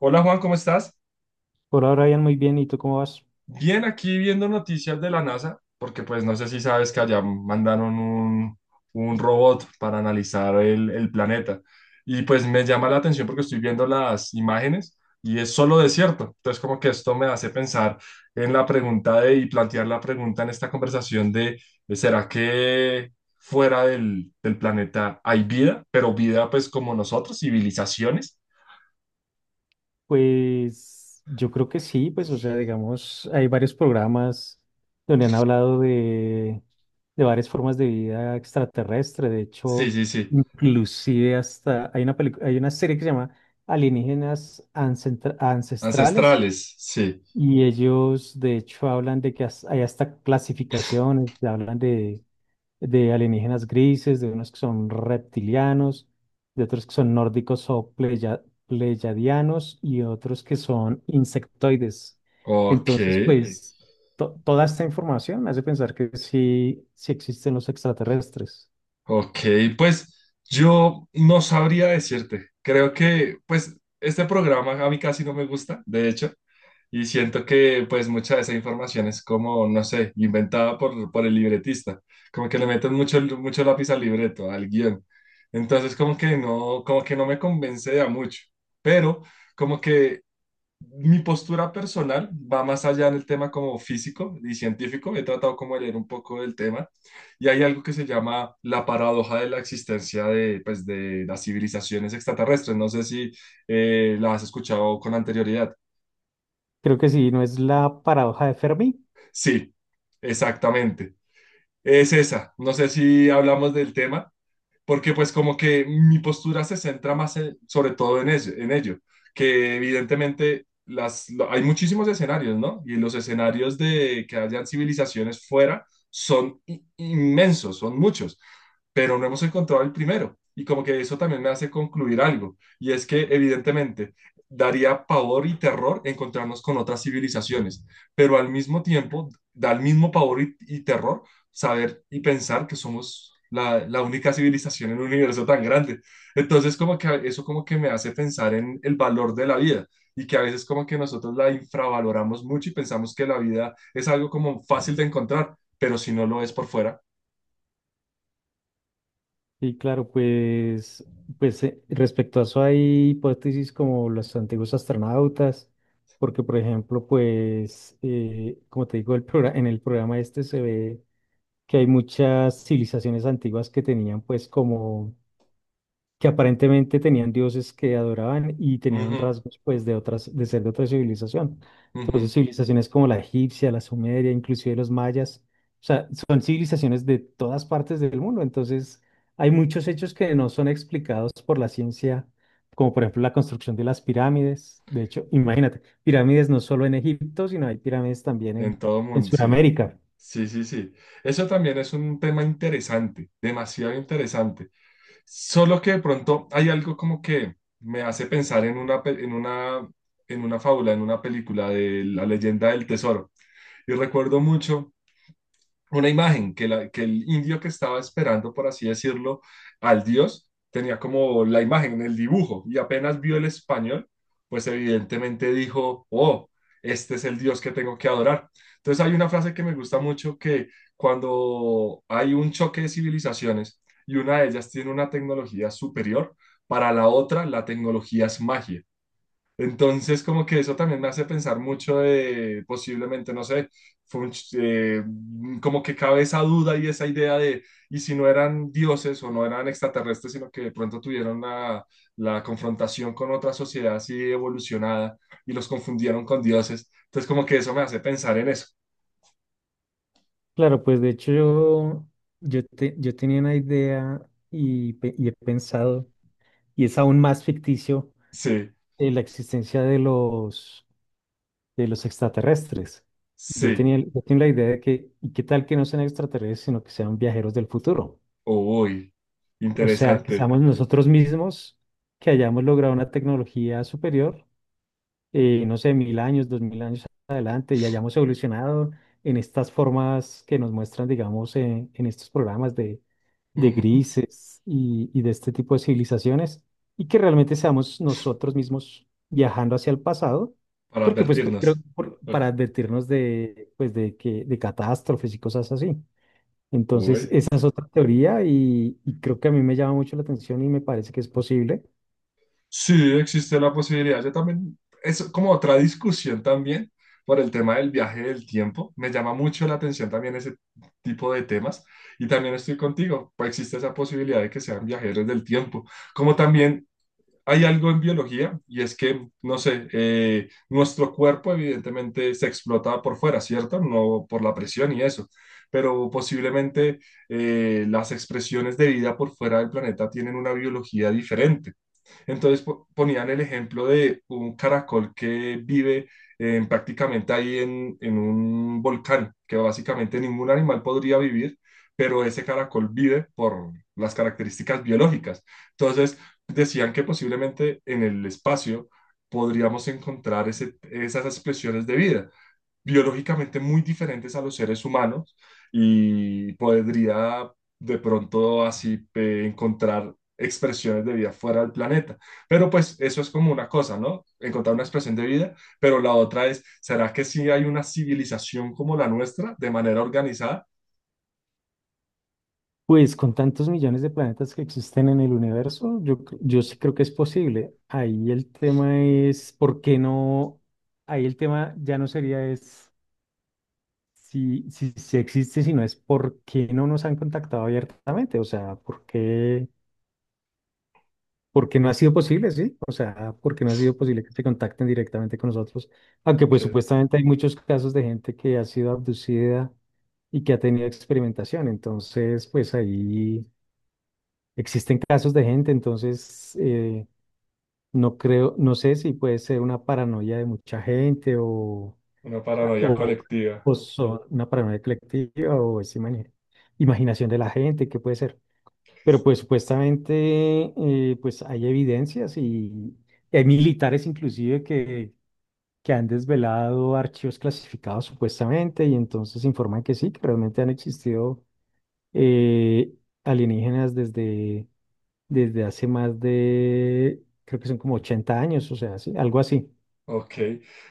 Hola Juan, ¿cómo estás? Por ahora, Ian, muy bien. ¿Y tú cómo vas? Bien, aquí viendo noticias de la NASA, porque pues no sé si sabes que allá mandaron un robot para analizar el planeta. Y pues me llama la atención porque estoy viendo las imágenes y es solo desierto. Entonces como que esto me hace pensar en la pregunta de, y plantear la pregunta en esta conversación de, ¿será que fuera del planeta hay vida? Pero vida pues como nosotros, civilizaciones. Pues yo creo que sí, pues o sea, digamos, hay varios programas donde han hablado de varias formas de vida extraterrestre. De Sí, hecho, sí, sí. inclusive hasta hay una película, hay una serie que se llama Ancestrales, Ancestrales, sí. y ellos de hecho hablan de que hay hasta clasificaciones, hablan de alienígenas grises, de unos que son reptilianos, de otros que son nórdicos o pleyadianos y otros que son insectoides. Ok, Entonces, pues, toda esta información me hace pensar que sí, sí existen los extraterrestres. ok, pues yo no sabría decirte. Creo que, pues, este programa a mí casi no me gusta, de hecho, y siento que, pues, mucha de esa información es como, no sé, inventada por el libretista, como que le meten mucho, mucho lápiz al libreto, al guión. Entonces, como que no me convence de a mucho, pero como que mi postura personal va más allá en el tema como físico y científico. He tratado como de leer un poco del tema y hay algo que se llama la paradoja de la existencia de, pues, de las civilizaciones extraterrestres. No sé si la has escuchado con anterioridad. Creo que sí, ¿no es la paradoja de Fermi? Sí, exactamente. Es esa. No sé si hablamos del tema, porque pues como que mi postura se centra más sobre todo en ello, que evidentemente hay muchísimos escenarios, ¿no? Y los escenarios de que hayan civilizaciones fuera son inmensos, son muchos, pero no hemos encontrado el primero. Y como que eso también me hace concluir algo, y es que evidentemente daría pavor y terror encontrarnos con otras civilizaciones, pero al mismo tiempo da el mismo pavor y terror saber y pensar que somos la única civilización en un universo tan grande. Entonces, como que eso como que me hace pensar en el valor de la vida y que a veces como que nosotros la infravaloramos mucho y pensamos que la vida es algo como fácil de encontrar, pero si no lo es por fuera. Sí, claro, pues, pues respecto a eso hay hipótesis como los antiguos astronautas, porque por ejemplo, pues, como te digo, el en el programa este se ve que hay muchas civilizaciones antiguas que tenían pues como que aparentemente tenían dioses que adoraban y tenían Ujú, rasgos pues de otras, de ser de otra civilización. ujú. Entonces, civilizaciones como la egipcia, la sumeria, inclusive los mayas, o sea, son civilizaciones de todas partes del mundo. Entonces, hay muchos hechos que no son explicados por la ciencia, como por ejemplo la construcción de las pirámides. De hecho, imagínate, pirámides no solo en Egipto, sino hay pirámides también En todo en mundo, sí. Sudamérica. Sí, sí, sí. Eso también es un tema interesante, demasiado interesante. Solo que de pronto hay algo como que me hace pensar en en una fábula, en una película de La leyenda del tesoro. Y recuerdo mucho una imagen que el indio que estaba esperando, por así decirlo, al dios, tenía como la imagen, el dibujo, y apenas vio el español, pues evidentemente dijo, oh, este es el dios que tengo que adorar. Entonces hay una frase que me gusta mucho que cuando hay un choque de civilizaciones y una de ellas tiene una tecnología superior, para la otra la tecnología es magia. Entonces, como que eso también me hace pensar mucho de posiblemente, no sé, fue un como que cabe esa duda y esa idea de, y si no eran dioses o no eran extraterrestres, sino que de pronto tuvieron la confrontación con otra sociedad así evolucionada y los confundieron con dioses. Entonces, como que eso me hace pensar en eso. Claro, pues de hecho yo, yo tenía una idea y he pensado y es aún más ficticio, Sí, la existencia de de los extraterrestres. Sí, Yo tenía la idea de que, ¿y qué tal que no sean extraterrestres, sino que sean viajeros del futuro? uy, O sea, que interesante. seamos nosotros mismos, que hayamos logrado una tecnología superior, no sé, 1.000 años, 2.000 años adelante, y hayamos evolucionado en estas formas que nos muestran, digamos, en estos programas de Ujú. grises y de este tipo de civilizaciones, y que realmente seamos nosotros mismos viajando hacia el pasado, Para porque pues creo que advertirnos. Para advertirnos de, pues, de, que, de catástrofes y cosas así. Entonces, Uy. esa es otra teoría y creo que a mí me llama mucho la atención y me parece que es posible. Sí, existe la posibilidad. Yo también, es como otra discusión también por el tema del viaje del tiempo. Me llama mucho la atención también ese tipo de temas. Y también estoy contigo, pues existe esa posibilidad de que sean viajeros del tiempo. Como también hay algo en biología y es que, no sé, nuestro cuerpo evidentemente se explota por fuera, ¿cierto? No por la presión y eso. Pero posiblemente las expresiones de vida por fuera del planeta tienen una biología diferente. Entonces ponían el ejemplo de un caracol que vive prácticamente ahí en un volcán, que básicamente ningún animal podría vivir, pero ese caracol vive por las características biológicas. Entonces decían que posiblemente en el espacio podríamos encontrar esas expresiones de vida biológicamente muy diferentes a los seres humanos y podría de pronto así encontrar expresiones de vida fuera del planeta. Pero pues eso es como una cosa, ¿no? Encontrar una expresión de vida, pero la otra es, ¿será que sí hay una civilización como la nuestra de manera organizada? Pues con tantos millones de planetas que existen en el universo, yo, yo sí creo que es posible. Ahí el tema es, ¿por qué no? Ahí el tema ya no sería es si existe, sino es por qué no nos han contactado abiertamente. O sea, por qué no ha sido posible, sí? O sea, ¿por qué no ha sido posible que se contacten directamente con nosotros? Aunque Ok, pues supuestamente hay muchos casos de gente que ha sido abducida y que ha tenido experimentación. Entonces, pues ahí... Existen casos de gente, entonces no creo, no sé si puede ser una paranoia de mucha gente una a- paranoia o, colectiva. o una paranoia colectiva o es imaginación de la gente, qué puede ser. Pero pues supuestamente pues hay evidencias y hay militares inclusive que han desvelado archivos clasificados supuestamente y entonces informan que sí, que realmente han existido, eh, alienígenas desde hace más de, creo que son como 80 años, o sea, sí, algo así. Ok,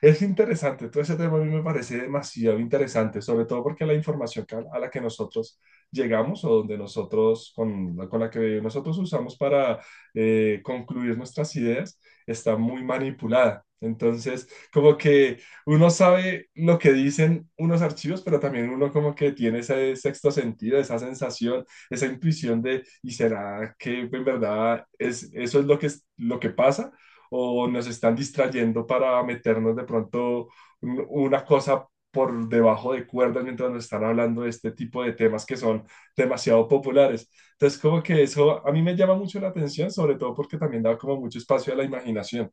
es interesante, todo ese tema a mí me parece demasiado interesante, sobre todo porque la información a la que nosotros llegamos o donde nosotros, la con la que nosotros usamos para concluir nuestras ideas, está muy manipulada. Entonces, como que uno sabe lo que dicen unos archivos, pero también uno como que tiene ese sexto sentido, esa sensación, esa intuición de, ¿y será que en verdad es, eso es lo que, lo que pasa? O nos están distrayendo para meternos de pronto una cosa por debajo de cuerdas mientras nos están hablando de este tipo de temas que son demasiado populares. Entonces, como que eso a mí me llama mucho la atención, sobre todo porque también da como mucho espacio a la imaginación.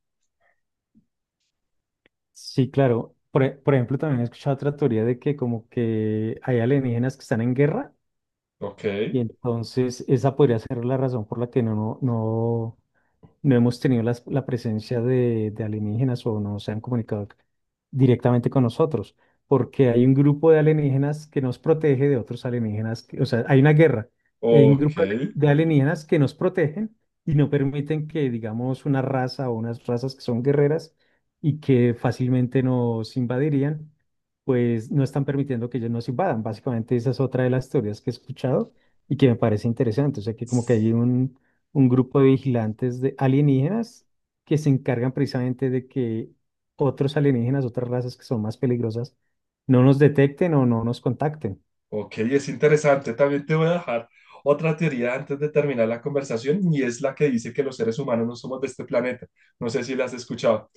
Sí, claro. Por, por ejemplo, también he escuchado otra teoría de que como que hay alienígenas que están en guerra, Ok, y entonces esa podría ser la razón por la que no hemos tenido presencia de alienígenas o no se han comunicado directamente con nosotros, porque hay un grupo de alienígenas que nos protege de otros alienígenas, que- o sea, hay una guerra, y hay un ok. grupo de alienígenas que nos protegen y no permiten que, digamos, una raza o unas razas que son guerreras y que fácilmente nos invadirían, pues no están permitiendo que ellos nos invadan. Básicamente esa es otra de las teorías que he escuchado y que me parece interesante, o sea, que como que hay un grupo de vigilantes de alienígenas que se encargan precisamente de que otros alienígenas, otras razas que son más peligrosas, no nos detecten o no nos contacten. Ok, es interesante. También te voy a dejar otra teoría antes de terminar la conversación y es la que dice que los seres humanos no somos de este planeta. No sé si la has escuchado.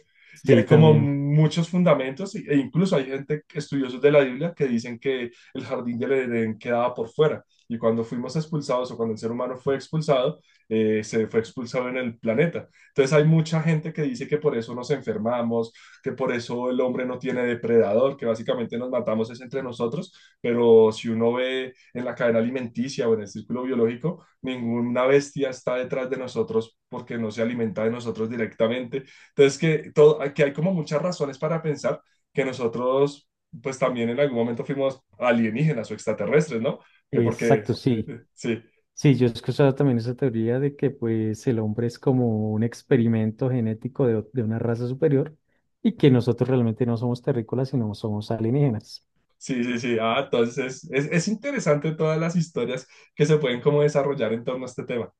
Y hay Sí, como también. muchos fundamentos e incluso hay gente, estudiosos de la Biblia, que dicen que el jardín del Edén quedaba por fuera. Y cuando fuimos expulsados o cuando el ser humano fue expulsado, se fue expulsado en el planeta. Entonces hay mucha gente que dice que por eso nos enfermamos, que por eso el hombre no tiene depredador, que básicamente nos matamos es entre nosotros, pero si uno ve en la cadena alimenticia o en el círculo biológico, ninguna bestia está detrás de nosotros porque no se alimenta de nosotros directamente. Entonces, que, todo, que hay como muchas razones para pensar que nosotros, pues también en algún momento fuimos alienígenas o extraterrestres, ¿no? Que porque, Exacto, sí. sí, Sí, yo he escuchado también esa teoría de que pues el hombre es como un experimento genético de, de una raza superior, y que nosotros realmente no somos terrícolas, sino somos alienígenas. sí, sí, sí. Ah, entonces es interesante todas las historias que se pueden como desarrollar en torno a este tema.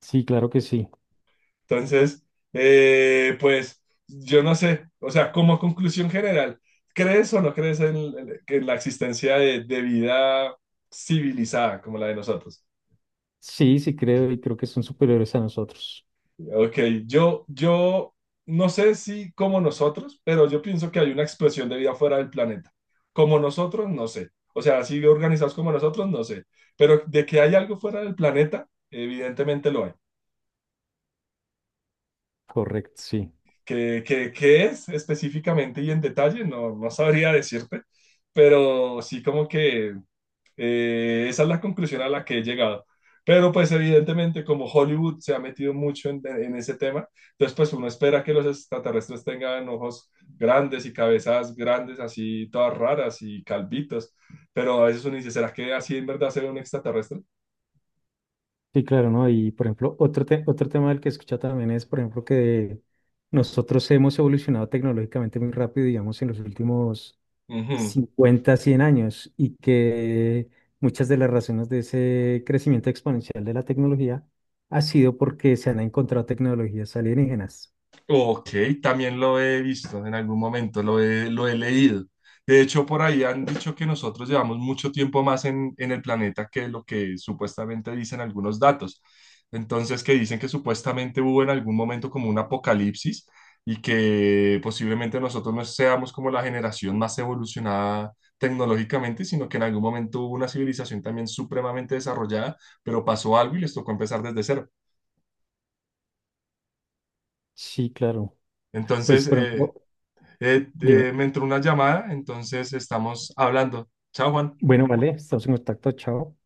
Sí, claro que sí. Entonces, pues yo no sé, o sea, como conclusión general, ¿crees o no crees en la existencia de vida civilizada como la de nosotros? Sí, sí creo y creo que son superiores a nosotros. Ok, yo no sé si como nosotros, pero yo pienso que hay una expresión de vida fuera del planeta. Como nosotros, no sé. O sea, así organizados como nosotros, no sé. Pero de que hay algo fuera del planeta, evidentemente lo hay. Correcto, sí. ¿Qué, qué es específicamente y en detalle? No, no sabría decirte, pero sí como que esa es la conclusión a la que he llegado. Pero pues evidentemente como Hollywood se ha metido mucho en ese tema, entonces pues uno espera que los extraterrestres tengan ojos grandes y cabezas grandes, así todas raras y calvitos, pero a veces uno dice, ¿será que así en verdad será un extraterrestre? Sí, claro, ¿no? Y por ejemplo, otro, otro tema del que he escuchado también es, por ejemplo, que nosotros hemos evolucionado tecnológicamente muy rápido, digamos, en los últimos Ujú. 50, 100 años, y que muchas de las razones de ese crecimiento exponencial de la tecnología ha sido porque se han encontrado tecnologías alienígenas. Ok, también lo he visto en algún momento, lo he leído. De hecho, por ahí han dicho que nosotros llevamos mucho tiempo más en el planeta que lo que supuestamente dicen algunos datos. Entonces, que dicen que supuestamente hubo en algún momento como un apocalipsis y que posiblemente nosotros no seamos como la generación más evolucionada tecnológicamente, sino que en algún momento hubo una civilización también supremamente desarrollada, pero pasó algo y les tocó empezar desde cero. Sí, claro. Pues, Entonces, por ejemplo, dime, me entró una llamada, entonces estamos hablando. Chao, Juan. bueno, vale, estamos en contacto, chao.